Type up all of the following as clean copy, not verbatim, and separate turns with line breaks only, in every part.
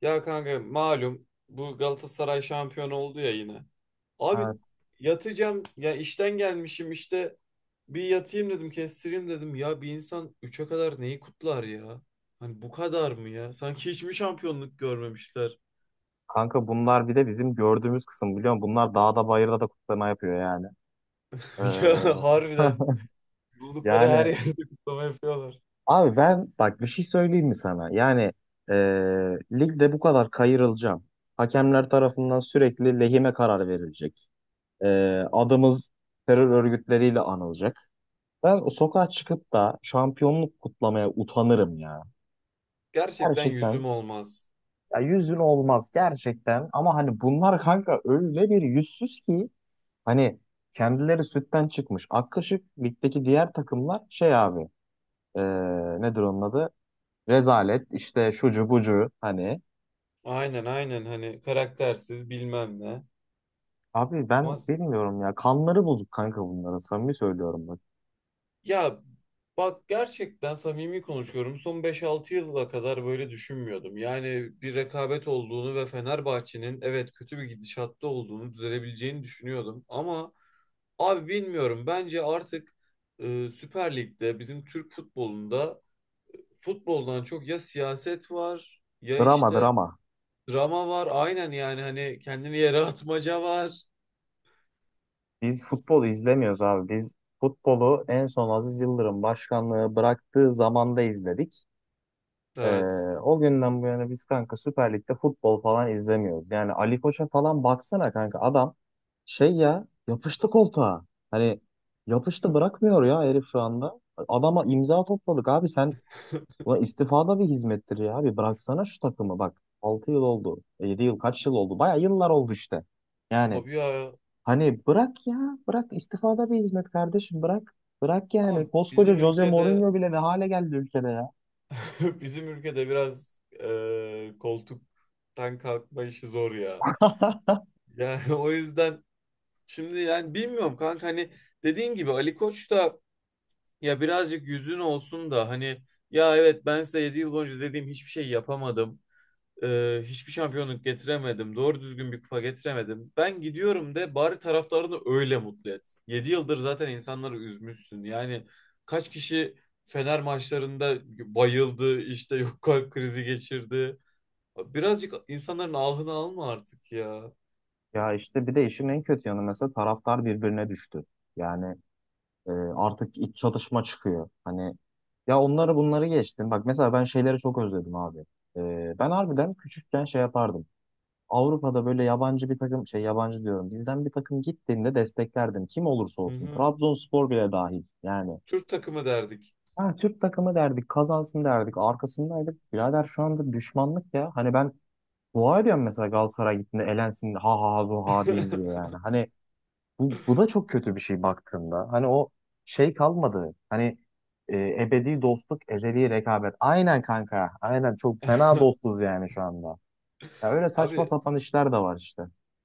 Ya kanka malum bu Galatasaray şampiyon oldu ya yine. Abi
Evet.
yatacağım ya işten gelmişim işte bir yatayım dedim, kestireyim dedim. Ya bir insan 3'e kadar neyi kutlar ya? Hani bu kadar mı ya? Sanki hiç mi şampiyonluk görmemişler?
Kanka bunlar bir de bizim gördüğümüz kısım biliyor musun? Bunlar dağda bayırda da kutlama yapıyor yani.
Ya
Ee,
harbiden buldukları her
yani
yerde kutlama yapıyorlar.
abi ben bak bir şey söyleyeyim mi sana? Yani ee, ligde bu kadar kayırılacağım. Hakemler tarafından sürekli lehime karar verilecek. Adımız terör örgütleriyle anılacak. Ben o sokağa çıkıp da şampiyonluk kutlamaya utanırım ya.
Gerçekten
Gerçekten.
yüzüm olmaz.
Ya yüz bin olmaz gerçekten. Ama hani bunlar kanka öyle bir yüzsüz ki, hani kendileri sütten çıkmış ak kaşık. Ligdeki diğer takımlar şey abi, e, nedir onun adı? Rezalet işte, şucu bucu hani.
Aynen aynen, hani karaktersiz bilmem ne.
Abi ben
Ama
bilmiyorum ya, kanları bulduk kanka, bunlara samimi söylüyorum bak.
ya, bak, gerçekten samimi konuşuyorum. Son 5 6 yıla kadar böyle düşünmüyordum. Yani bir rekabet olduğunu ve Fenerbahçe'nin evet kötü bir gidişatta olduğunu, düzelebileceğini düşünüyordum. Ama abi bilmiyorum. Bence artık Süper Lig'de bizim Türk futbolunda futboldan çok ya siyaset var, ya
Drama
işte
drama.
drama var. Aynen, yani hani kendini yere atmaca var.
Biz futbol izlemiyoruz abi. Biz futbolu en son Aziz Yıldırım başkanlığı bıraktığı zamanda izledik. Ee,
Evet.
O günden bu yana biz kanka Süper Lig'de futbol falan izlemiyoruz. Yani Ali Koç'a falan baksana kanka, adam şey ya, yapıştı koltuğa. Hani yapıştı, bırakmıyor ya herif şu anda. Adama imza topladık abi. Sen, ulan istifa da bir hizmettir ya abi, bıraksana şu takımı bak. Altı yıl oldu. Yedi yıl, kaç yıl oldu? Baya yıllar oldu işte. Yani
Tabii ya.
hani bırak ya, bırak, istifa da bir hizmet kardeşim, bırak. Bırak yani,
Ama
koskoca
bizim
Jose
ülkede,
Mourinho bile ne hale geldi ülkede ya.
bizim ülkede biraz koltuktan kalkma işi zor ya. Yani o yüzden şimdi, yani bilmiyorum kanka, hani dediğin gibi Ali Koç da ya birazcık yüzün olsun da hani, ya evet ben size 7 yıl boyunca dediğim hiçbir şey yapamadım. Hiçbir şampiyonluk getiremedim. Doğru düzgün bir kupa getiremedim. Ben gidiyorum de, bari taraftarını öyle mutlu et. 7 yıldır zaten insanları üzmüşsün. Yani kaç kişi Fener maçlarında bayıldı, işte yok kalp krizi geçirdi. Birazcık insanların ahını alma artık ya.
Ya işte bir de işin en kötü yanı, mesela taraftar birbirine düştü. Yani artık iç çatışma çıkıyor. Hani ya, onları bunları geçtim. Bak mesela ben şeyleri çok özledim abi. Ben harbiden küçükken şey yapardım. Avrupa'da böyle yabancı bir takım, şey, yabancı diyorum, bizden bir takım gittiğinde desteklerdim. Kim olursa
Hı
olsun.
hı.
Trabzonspor bile dahil. Yani
Türk takımı derdik.
ha, Türk takımı derdik, kazansın derdik. Arkasındaydık. Birader şu anda düşmanlık ya. Hani ben dua ediyorum mesela, Galatasaray gittiğinde elensin, ha ha ha zo ha diyeyim diye yani. Hani bu da çok kötü bir şey baktığında. Hani o şey kalmadı. Hani ebedi dostluk, ezeli rekabet. Aynen kanka. Aynen çok fena dostuz yani şu anda. Ya öyle saçma
Abi,
sapan işler de var işte.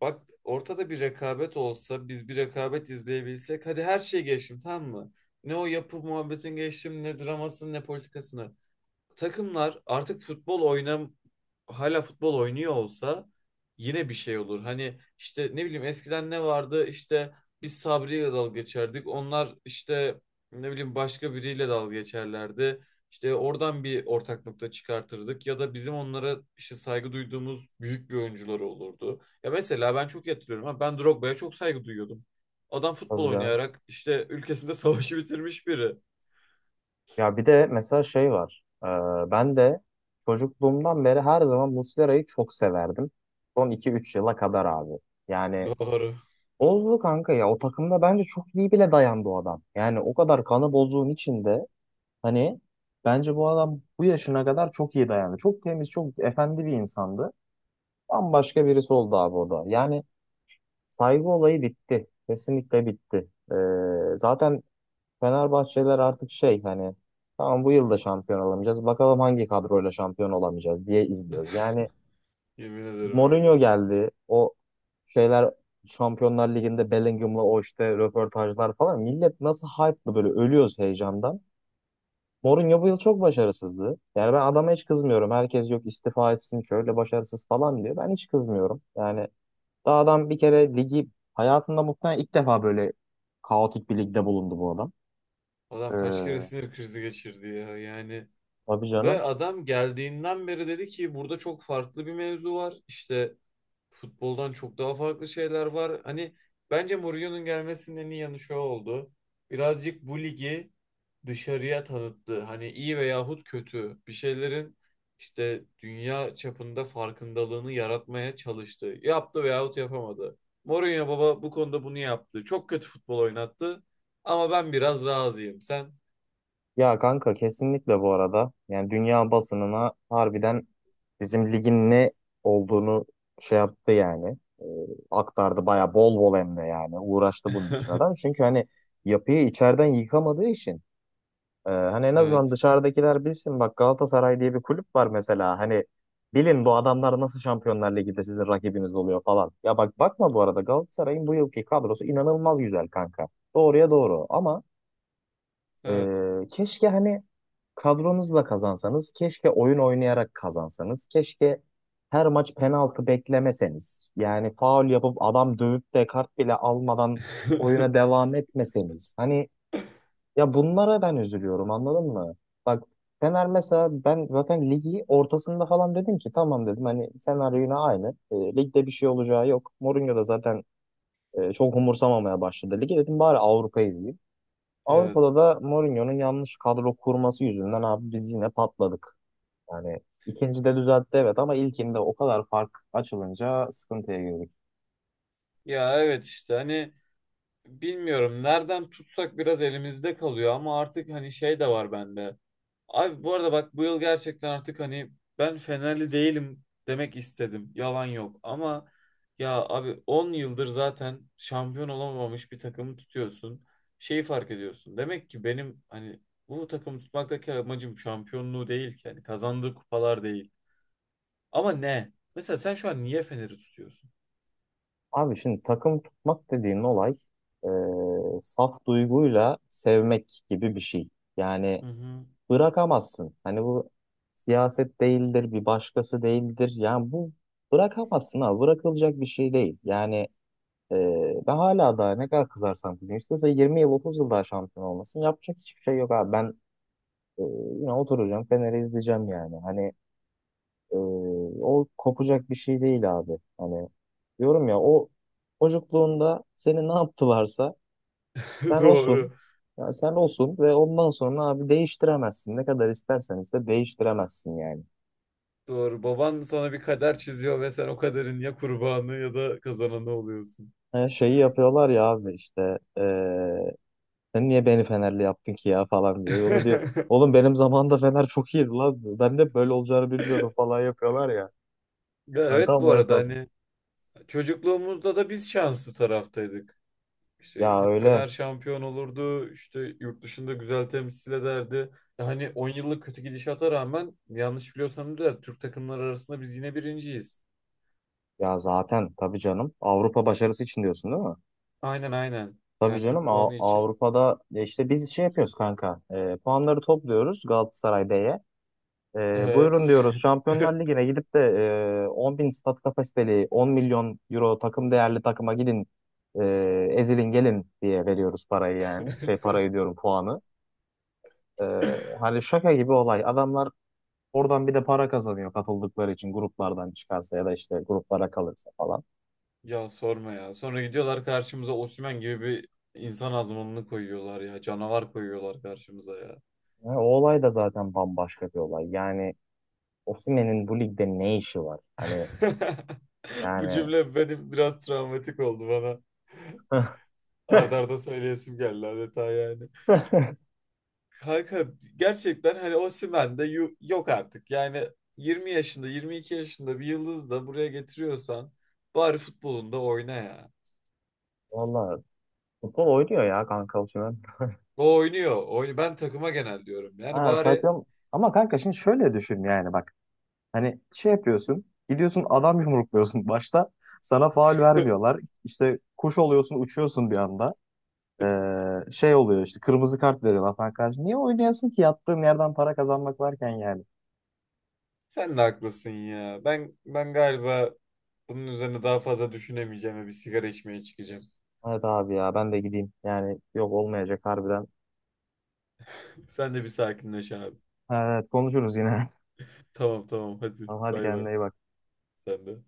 bak, ortada bir rekabet olsa, biz bir rekabet izleyebilsek, hadi her şeyi geçtim, tamam mı? Ne o yapı muhabbetin, geçtim ne dramasını ne politikasını, takımlar artık futbol oynam, hala futbol oynuyor olsa yine bir şey olur. Hani işte ne bileyim eskiden ne vardı? İşte biz Sabri'yle dalga geçerdik. Onlar işte ne bileyim başka biriyle dalga geçerlerdi. İşte oradan bir ortak nokta çıkartırdık ya da bizim onlara işte saygı duyduğumuz büyük bir oyuncuları olurdu. Ya mesela ben çok iyi hatırlıyorum ama, ben Drogba'ya çok saygı duyuyordum. Adam futbol
Tabii canım.
oynayarak işte ülkesinde savaşı bitirmiş biri.
Ya bir de mesela şey var. Ben de çocukluğumdan beri her zaman Muslera'yı çok severdim. Son iki üç yıla kadar abi. Yani
Doğru.
bozdu kanka ya. O takımda bence çok iyi bile dayandı o adam. Yani o kadar kanı bozduğun içinde, hani bence bu adam bu yaşına kadar çok iyi dayandı. Çok temiz, çok efendi bir insandı. Bambaşka birisi oldu abi o da. Yani saygı olayı bitti. Kesinlikle bitti. Zaten Fenerbahçeliler artık şey, hani tamam bu yıl da şampiyon olamayacağız. Bakalım hangi kadroyla şampiyon olamayacağız diye izliyoruz. Yani
Yemin ederim öyle.
Mourinho geldi. O şeyler, Şampiyonlar Ligi'nde Bellingham'la o işte röportajlar falan. Millet nasıl hype'lı, böyle ölüyoruz heyecandan. Mourinho bu yıl çok başarısızdı. Yani ben adama hiç kızmıyorum. Herkes yok istifa etsin, şöyle başarısız falan diyor. Ben hiç kızmıyorum. Yani daha adam bir kere ligi, hayatında muhtemelen ilk defa böyle kaotik bir ligde bulundu bu adam. Ee,
Adam kaç kere sinir krizi geçirdi ya yani.
tabii
Ve
canım.
adam geldiğinden beri dedi ki burada çok farklı bir mevzu var. İşte futboldan çok daha farklı şeyler var. Hani bence Mourinho'nun gelmesinin en iyi yanı şu oldu. Birazcık bu ligi dışarıya tanıttı. Hani iyi veyahut kötü bir şeylerin işte dünya çapında farkındalığını yaratmaya çalıştı. Yaptı veyahut yapamadı. Mourinho baba bu konuda bunu yaptı. Çok kötü futbol oynattı. Ama ben biraz razıyım. Sen?
Ya kanka kesinlikle bu arada. Yani dünya basınına harbiden bizim ligin ne olduğunu şey yaptı yani. Aktardı baya, bol bol hem de yani. Uğraştı bunun için adam. Çünkü hani yapıyı içeriden yıkamadığı için, hani en azından
Evet.
dışarıdakiler bilsin, bak Galatasaray diye bir kulüp var mesela, hani bilin bu adamlar nasıl Şampiyonlar Ligi'nde sizin rakibiniz oluyor falan. Ya bak, bakma bu arada, Galatasaray'ın bu yılki kadrosu inanılmaz güzel kanka. Doğruya doğru, ama
Evet.
keşke hani kadronuzla kazansanız, keşke oyun oynayarak kazansanız, keşke her maç penaltı beklemeseniz. Yani faul yapıp, adam dövüp de kart bile almadan oyuna devam etmeseniz. Hani ya, bunlara ben üzülüyorum, anladın mı? Bak, Fener mesela, ben zaten ligi ortasında falan dedim ki tamam dedim, hani senaryo yine aynı. Ligde bir şey olacağı yok. Mourinho da zaten çok umursamamaya başladı ligi, dedim bari Avrupa izleyeyim.
Evet.
Avrupa'da da Mourinho'nun yanlış kadro kurması yüzünden abi biz yine patladık. Yani ikincide düzeltti, evet, ama ilkinde o kadar fark açılınca sıkıntıya girdik.
Ya evet, işte hani bilmiyorum nereden tutsak biraz elimizde kalıyor, ama artık hani şey de var bende. Abi bu arada bak, bu yıl gerçekten artık hani ben Fenerli değilim demek istedim. Yalan yok ama ya abi, 10 yıldır zaten şampiyon olamamış bir takımı tutuyorsun. Şeyi fark ediyorsun. Demek ki benim hani bu takımı tutmaktaki amacım şampiyonluğu değil ki. Yani kazandığı kupalar değil. Ama ne? Mesela sen şu an niye Fener'i tutuyorsun?
Abi şimdi takım tutmak dediğin olay, saf duyguyla sevmek gibi bir şey. Yani
Hı hı.
bırakamazsın. Hani bu siyaset değildir, bir başkası değildir. Yani bu, bırakamazsın ha, bırakılacak bir şey değil. Yani e, ben hala daha, ne kadar kızarsam kızayım, İstiyorsa 20 yıl, 30 yıl daha şampiyon olmasın, yapacak hiçbir şey yok abi. Ben e, yine oturacağım, Fener'i izleyeceğim yani. Hani e, o kopacak bir şey değil abi. Hani diyorum ya, o çocukluğunda seni ne yaptılarsa sen olsun.
Doğru.
Ya sen olsun ve ondan sonra abi değiştiremezsin. Ne kadar istersen iste değiştiremezsin yani.
Doğru. Baban sana bir kader çiziyor ve sen o kaderin ya kurbanı ya da kazananı oluyorsun.
Her şeyi yapıyorlar ya abi, işte sen niye beni Fenerli yaptın ki ya falan diye. O da diyor, oğlum benim zamanımda Fener çok iyiydi lan, ben de böyle olacağını bilmiyordum falan yapıyorlar ya.
Ya
Yani
evet,
tam
bu
o
arada
hesap.
hani çocukluğumuzda da biz şanslı taraftaydık. İşte
Ya öyle.
Fener şampiyon olurdu, işte yurt dışında güzel temsil ederdi. Hani 10 yıllık kötü gidişata rağmen, yanlış biliyorsam da, Türk takımları arasında biz yine birinciyiz.
Ya zaten tabii canım. Avrupa başarısı için diyorsun değil mi?
Aynen aynen.
Tabii
Yani Türk
canım,
puanı için.
Avrupa'da ya işte biz şey yapıyoruz kanka. Puanları topluyoruz Galatasaray B'ye.
Evet.
Buyurun diyoruz. Şampiyonlar Ligi'ne gidip de 10 bin stat kapasiteli, 10 milyon euro takım değerli takıma gidin, ezilin gelin diye veriyoruz parayı yani. Şey parayı diyorum, puanı. E, Hani şaka gibi olay. Adamlar oradan bir de para kazanıyor katıldıkları için, gruplardan çıkarsa ya da işte gruplara kalırsa falan.
Ya sorma ya. Sonra gidiyorlar karşımıza Osimhen gibi bir insan azmanını koyuyorlar ya. Canavar koyuyorlar karşımıza ya.
O olay da zaten bambaşka bir olay. Yani Osimhen'in bu ligde ne işi var? Hani
Bu
yani,
cümle benim biraz travmatik oldu bana. Ard arda söyleyesim geldi adeta yani. Kanka gerçekten hani Osimhen de yok artık. Yani 20 yaşında, 22 yaşında bir yıldız da buraya getiriyorsan bari futbolunda oyna ya.
valla futbol oynuyor ya kanka Osimhen.
O oynuyor. Oyun, ben takıma genel diyorum. Yani
Ha,
bari
takım, ama kanka şimdi şöyle düşün yani, bak hani şey yapıyorsun, gidiyorsun adam yumrukluyorsun, başta sana faul vermiyorlar, işte kuş oluyorsun, uçuyorsun bir anda. Şey oluyor işte, kırmızı kart veriyorlar falan, karşı niye oynayasın ki, yattığın yerden para kazanmak varken yani.
sen de haklısın ya. Ben galiba bunun üzerine daha fazla düşünemeyeceğim ve bir sigara içmeye çıkacağım.
Evet abi, ya ben de gideyim yani, yok olmayacak harbiden.
Sen de bir sakinleş abi.
Evet, konuşuruz yine.
Tamam tamam, hadi
Tamam, hadi
bay
kendine
bay.
iyi bak.
Sen de.